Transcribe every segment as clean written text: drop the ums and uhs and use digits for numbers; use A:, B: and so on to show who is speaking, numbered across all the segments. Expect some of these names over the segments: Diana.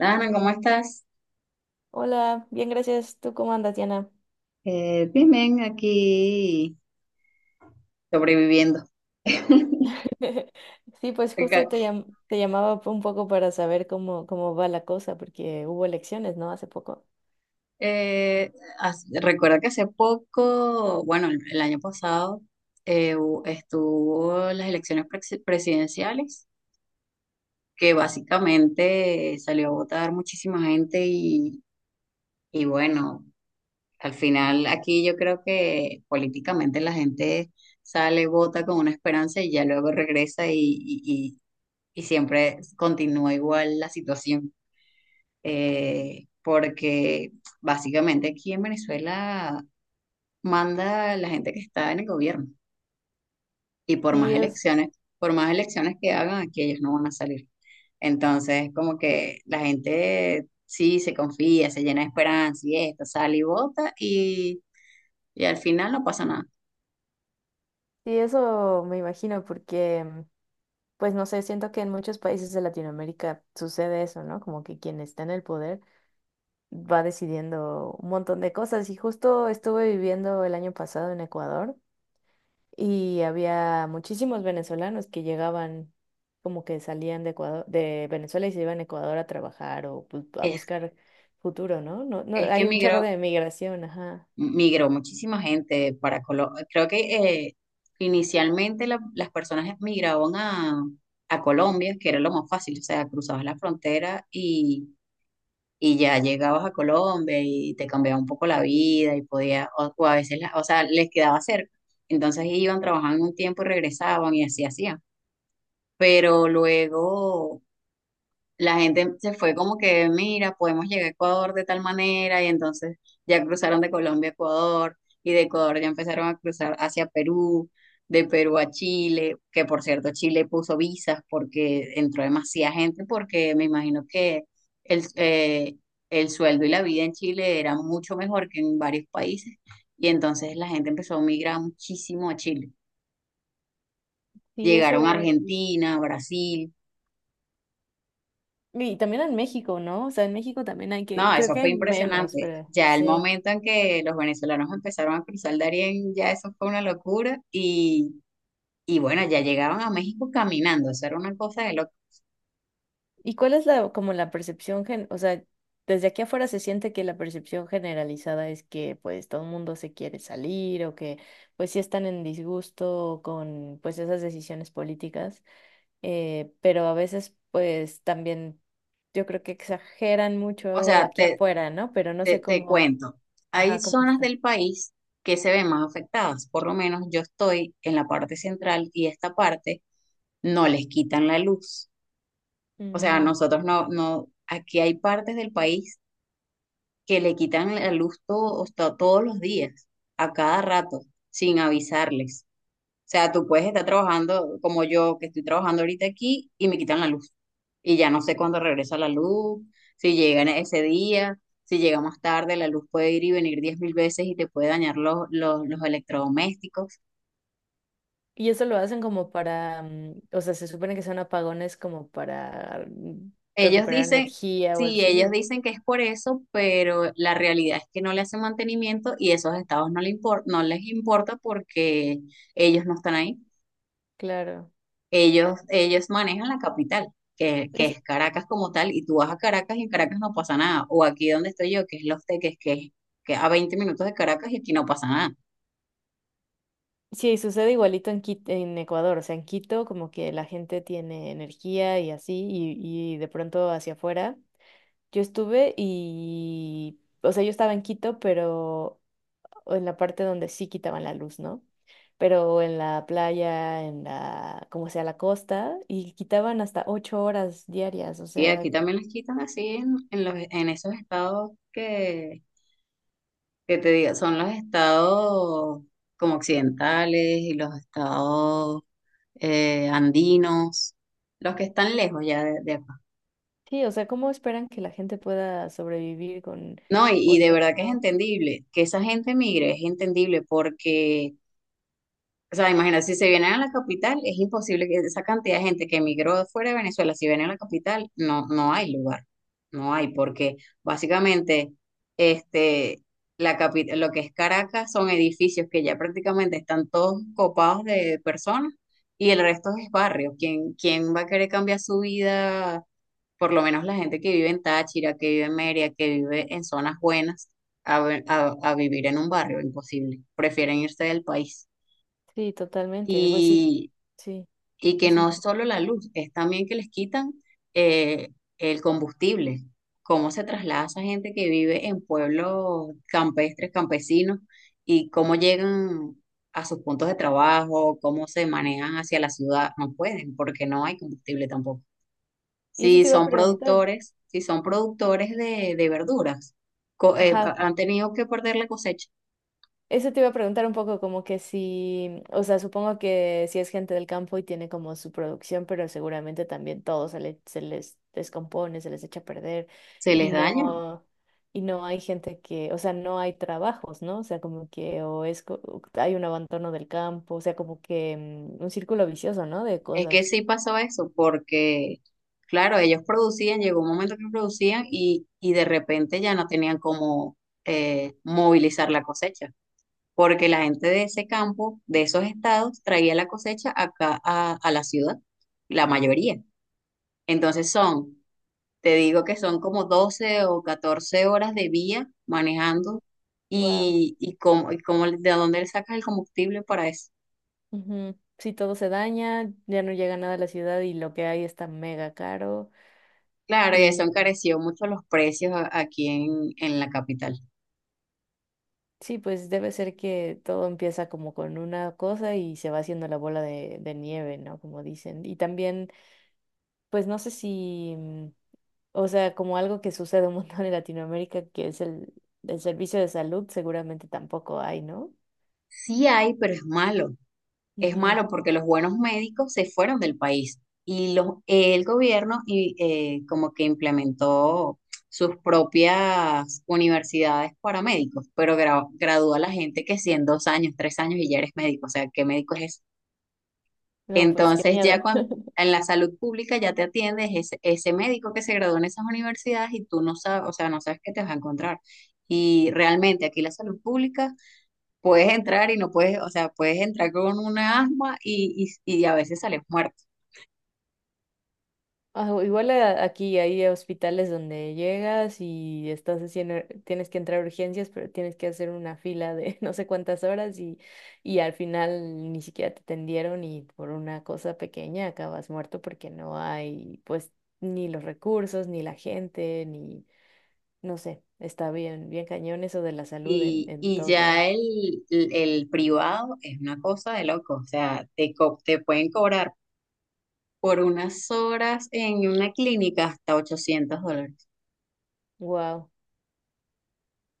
A: Dana, ¿cómo estás?
B: Hola, bien, gracias. ¿Tú cómo andas, Diana?
A: Bien, bien, aquí sobreviviendo.
B: Sí, pues
A: Acá,
B: justo te llamaba un poco para saber cómo va la cosa, porque hubo elecciones, ¿no? Hace poco.
A: eh, recuerda que hace poco, bueno, el año pasado, estuvo las elecciones presidenciales, que básicamente salió a votar muchísima gente y bueno, al final aquí yo creo que políticamente la gente sale, vota con una esperanza y ya luego regresa y y- y siempre continúa igual la situación. Porque básicamente aquí en Venezuela manda la gente que está en el gobierno y
B: Sí, es,
A: por más elecciones que hagan, aquí ellos no van a salir. Entonces, como que la gente sí se confía, se llena de esperanza y esto, sale y vota y al final no pasa nada.
B: sí, eso me imagino, porque, pues no sé, siento que en muchos países de Latinoamérica sucede eso, ¿no? Como que quien está en el poder va decidiendo un montón de cosas. Y justo estuve viviendo el año pasado en Ecuador. Y había muchísimos venezolanos que llegaban, como que salían de Ecuador, de Venezuela y se iban a Ecuador a trabajar o a
A: Es,
B: buscar futuro, ¿no? No, no,
A: es que
B: hay un chorro de migración, ajá.
A: migró muchísima gente para Colombia. Creo que eh, inicialmente las personas migraban a Colombia, que era lo más fácil, o sea, cruzabas la frontera y ya llegabas a Colombia y te cambiaba un poco la vida y podía, o a veces, o sea, les quedaba cerca. Entonces iban, trabajaban un tiempo y regresaban y así hacían. Pero luego la gente se fue como que, mira, podemos llegar a Ecuador de tal manera, y entonces ya cruzaron de Colombia a Ecuador, y de Ecuador ya empezaron a cruzar hacia Perú, de Perú a Chile, que por cierto Chile puso visas porque entró demasiada gente, porque me imagino que el, eh, el sueldo y la vida en Chile era mucho mejor que en varios países, y entonces la gente empezó a migrar muchísimo a Chile.
B: Sí,
A: Llegaron a
B: eso.
A: Argentina, Brasil.
B: Y también en México, ¿no? O sea, en México también hay que,
A: No,
B: creo
A: eso
B: que
A: fue
B: hay menos,
A: impresionante.
B: pero
A: Ya el
B: sí.
A: momento en que los venezolanos empezaron a cruzar el Darién, ya eso fue una locura. Y bueno, ya llegaban a México caminando, eso era una cosa de loco.
B: ¿Y cuál es la, como la percepción gen, o sea, desde aquí afuera se siente que la percepción generalizada es que pues todo el mundo se quiere salir o que pues sí están en disgusto con pues esas decisiones políticas, pero a veces pues también yo creo que exageran
A: O
B: mucho
A: sea,
B: aquí
A: te,
B: afuera, ¿no? Pero no sé
A: te, te
B: cómo,
A: cuento, hay
B: ajá, cómo
A: zonas
B: está.
A: del país que se ven más afectadas. Por lo menos yo estoy en la parte central y esta parte no les quitan la luz. O sea,
B: Mm,
A: nosotros no, no, aquí hay partes del país que le quitan la luz todo, hasta todos los días, a cada rato, sin avisarles. O sea, tú puedes estar trabajando como yo, que estoy trabajando ahorita aquí, y me quitan la luz. Y ya no sé cuándo regresa la luz, si llega en ese día, si llega más tarde, la luz puede ir y venir 10.000 veces y te puede dañar los electrodomésticos.
B: y eso lo hacen como para, o sea, se supone que son apagones como para
A: Ellos
B: recuperar
A: dicen,
B: energía o
A: sí,
B: así,
A: ellos
B: ¿o qué?
A: dicen que es por eso, pero la realidad es que no le hacen mantenimiento y esos estados no, no les importa porque ellos no están ahí.
B: Claro.
A: Ellos manejan la capital, que
B: Es,
A: es Caracas como tal, y tú vas a Caracas y en Caracas no pasa nada. O aquí donde estoy yo, que es Los Teques, que es que a 20 minutos de Caracas y aquí no pasa nada.
B: sí, sucede igualito en en Ecuador, o sea, en Quito como que la gente tiene energía y así, y de pronto hacia afuera. Yo estuve y, o sea, yo estaba en Quito, pero en la parte donde sí quitaban la luz, ¿no? Pero en la playa, en la, como sea, la costa, y quitaban hasta 8 horas diarias, o
A: Y aquí
B: sea,
A: también les quitan así en esos estados que te digo, son los estados como occidentales y los estados andinos, los que están lejos ya de acá.
B: sí, o sea, ¿cómo esperan que la gente pueda sobrevivir con
A: No, y de
B: 8 horas,
A: verdad que es
B: ¿no?
A: entendible que esa gente migre, es entendible porque o sea, imagínate, si se vienen a la capital, es imposible que esa cantidad de gente que emigró de fuera de Venezuela, si vienen a la capital, no hay lugar, no hay, porque básicamente este, lo que es Caracas son edificios que ya prácticamente están todos copados de personas y el resto es barrio. ¿Quién va a querer cambiar su vida? Por lo menos la gente que vive en Táchira, que vive en Mérida, que vive en zonas buenas, a, ver- a vivir en un barrio, imposible. Prefieren irse del país.
B: Sí, totalmente, pues sí,
A: Y,
B: sí,
A: y que
B: es un
A: no es
B: tema.
A: solo la luz, es también que les quitan eh, el combustible. Cómo se traslada esa gente que vive en pueblos campestres, campesinos, y cómo llegan a sus puntos de trabajo, cómo se manejan hacia la ciudad. No pueden, porque no hay combustible tampoco.
B: Y eso te iba a preguntar.
A: Si son productores de verduras,
B: Ajá,
A: han tenido que perder la cosecha.
B: eso te iba a preguntar un poco como que si, o sea, supongo que si es gente del campo y tiene como su producción, pero seguramente también todo se les descompone, se les echa a perder
A: Se
B: y
A: les daña.
B: no, y no hay gente que, o sea, no hay trabajos, ¿no? O sea, como que o es, o hay un abandono del campo, o sea, como que un círculo vicioso, ¿no? De
A: Es que
B: cosas.
A: sí pasó eso, porque, claro, ellos producían, llegó un momento que producían y de repente ya no tenían cómo movilizar la cosecha, porque la gente de ese campo, de esos estados, traía la cosecha acá a la ciudad, la mayoría. Entonces son, te digo que son como 12 o 14 horas de vía manejando.
B: Wow.
A: ¿De dónde le sacas el combustible para eso?
B: Si todo se daña, ya no llega nada a la ciudad y lo que hay está mega caro.
A: Claro, y eso encareció mucho los precios aquí en la capital.
B: Sí, pues debe ser que todo empieza como con una cosa y se va haciendo la bola de nieve, ¿no? Como dicen. Y también, pues no sé si, o sea, como algo que sucede un montón en Latinoamérica, que es el servicio de salud, seguramente tampoco hay, ¿no?
A: Sí hay, pero es malo. Es
B: Ujú.
A: malo porque los buenos médicos se fueron del país y el gobierno como que implementó sus propias universidades para médicos, pero gradúa a la gente que si en 2 años, 3 años y ya eres médico, o sea, ¿qué médico es eso?
B: No, pues qué
A: Entonces ya
B: miedo.
A: en la salud pública ya te atiendes ese médico que se graduó en esas universidades y tú no sabes, o sea, no sabes qué te vas a encontrar. Y realmente aquí la salud pública puedes entrar y no puedes, o sea, puedes entrar con una asma y a veces sales muerto.
B: Ah, o igual aquí hay hospitales donde llegas y estás haciendo, tienes que entrar a urgencias, pero tienes que hacer una fila de no sé cuántas horas y al final ni siquiera te atendieron y por una cosa pequeña acabas muerto porque no hay pues ni los recursos, ni la gente, ni no sé, está bien, bien cañón eso de la salud en
A: Y
B: todos
A: ya
B: lados.
A: el privado es una cosa de loco, o sea, te pueden cobrar por unas horas en una clínica hasta $800.
B: Wow.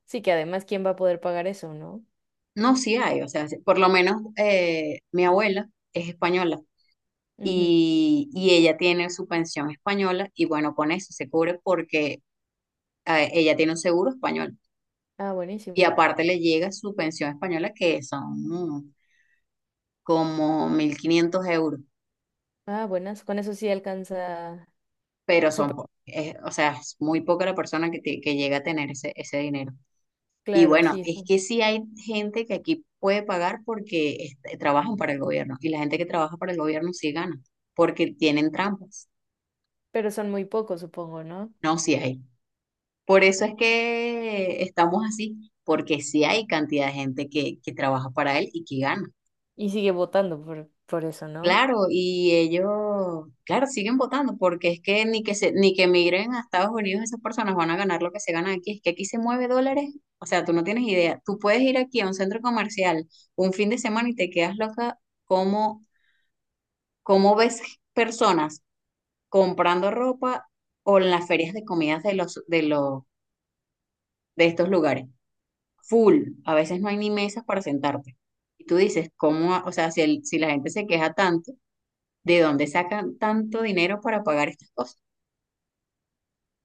B: Sí que además, ¿quién va a poder pagar eso, no?
A: No, sí hay, o sea, sí, por lo menos mi abuela es española
B: Ujú.
A: y ella tiene su pensión española y bueno, con eso se cubre porque ella tiene un seguro español.
B: Ah,
A: Y
B: buenísimo.
A: aparte le llega su pensión española que son mm, como 1.500 euros,
B: Ah, buenas. Con eso sí alcanza
A: pero
B: su...
A: son, o sea, es muy poca la persona que llega a tener ese dinero. Y
B: Claro,
A: bueno,
B: sí,
A: es
B: son...
A: que sí hay gente que aquí puede pagar porque trabajan para el gobierno y la gente que trabaja para el gobierno sí gana porque tienen trampas.
B: pero son muy pocos, supongo, ¿no?
A: No, sí hay. Por eso es que estamos así, porque sí hay cantidad de gente que trabaja para él y que gana.
B: Y sigue votando por eso, ¿no?
A: Claro, y ellos, claro, siguen votando porque es que ni que migren a Estados Unidos esas personas van a ganar lo que se gana aquí. Es que aquí se mueve dólares, o sea, tú no tienes idea. Tú puedes ir aquí a un centro comercial un fin de semana y te quedas loca cómo ves personas comprando ropa o en las ferias de comidas de estos lugares. Full, a veces no hay ni mesas para sentarte. Y tú dices, ¿cómo? O sea, si la gente se queja tanto, ¿de dónde sacan tanto dinero para pagar estas cosas?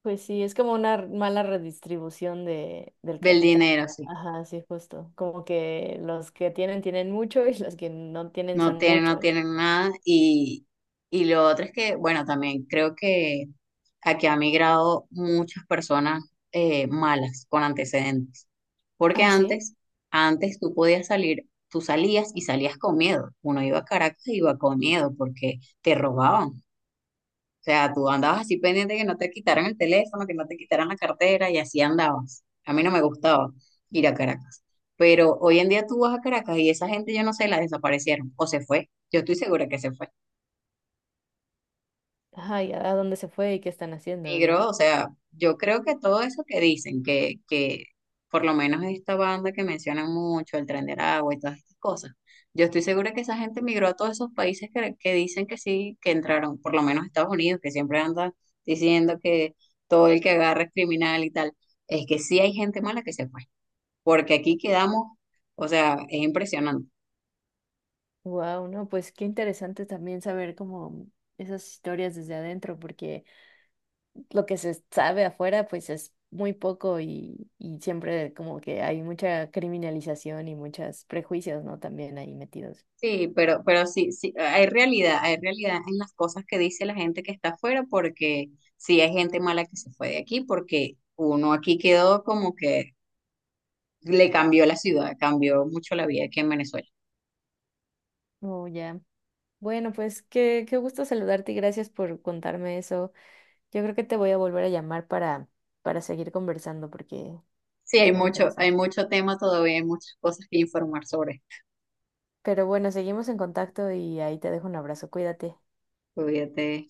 B: Pues sí, es como una mala redistribución de, del
A: Del
B: capital,
A: dinero,
B: ¿no?
A: sí.
B: Ajá, sí, justo. Como que los que tienen tienen mucho y los que no tienen son
A: No
B: muchos.
A: tienen nada. Y lo otro es que, bueno, también creo que aquí ha migrado muchas personas malas con antecedentes. Porque
B: Ah, sí.
A: antes tú podías salir, tú salías y salías con miedo. Uno iba a Caracas y iba con miedo porque te robaban. O sea, tú andabas así pendiente que no te quitaran el teléfono, que no te quitaran la cartera y así andabas. A mí no me gustaba ir a Caracas. Pero hoy en día tú vas a Caracas y esa gente, yo no sé, la desaparecieron o se fue. Yo estoy segura que se fue.
B: Ajá, ¿y a dónde se fue y qué están haciendo, no?
A: Migró, o sea, yo creo que todo eso que dicen, que por lo menos esta banda que mencionan mucho, el Tren de Aragua y todas estas cosas, yo estoy segura que esa gente migró a todos esos países que dicen que sí, que entraron, por lo menos Estados Unidos, que siempre anda diciendo que todo el que agarra es criminal y tal, es que sí hay gente mala que se fue, porque aquí quedamos, o sea, es impresionante.
B: Wow, no, pues qué interesante también saber como esas historias desde adentro, porque lo que se sabe afuera, pues es muy poco y siempre como que hay mucha criminalización y muchos prejuicios, ¿no? También ahí metidos.
A: Sí, pero sí, sí, hay realidad en las cosas que dice la gente que está afuera, porque sí hay gente mala que se fue de aquí, porque uno aquí quedó como que le cambió la ciudad, cambió mucho la vida aquí en Venezuela.
B: Oh, ya. Bueno, pues qué, qué gusto saludarte y gracias por contarme eso. Yo creo que te voy a volver a llamar para seguir conversando porque
A: Sí,
B: es muy
A: hay
B: interesante.
A: mucho tema todavía, hay muchas cosas que informar sobre.
B: Pero bueno, seguimos en contacto y ahí te dejo un abrazo. Cuídate.
A: Olvídate.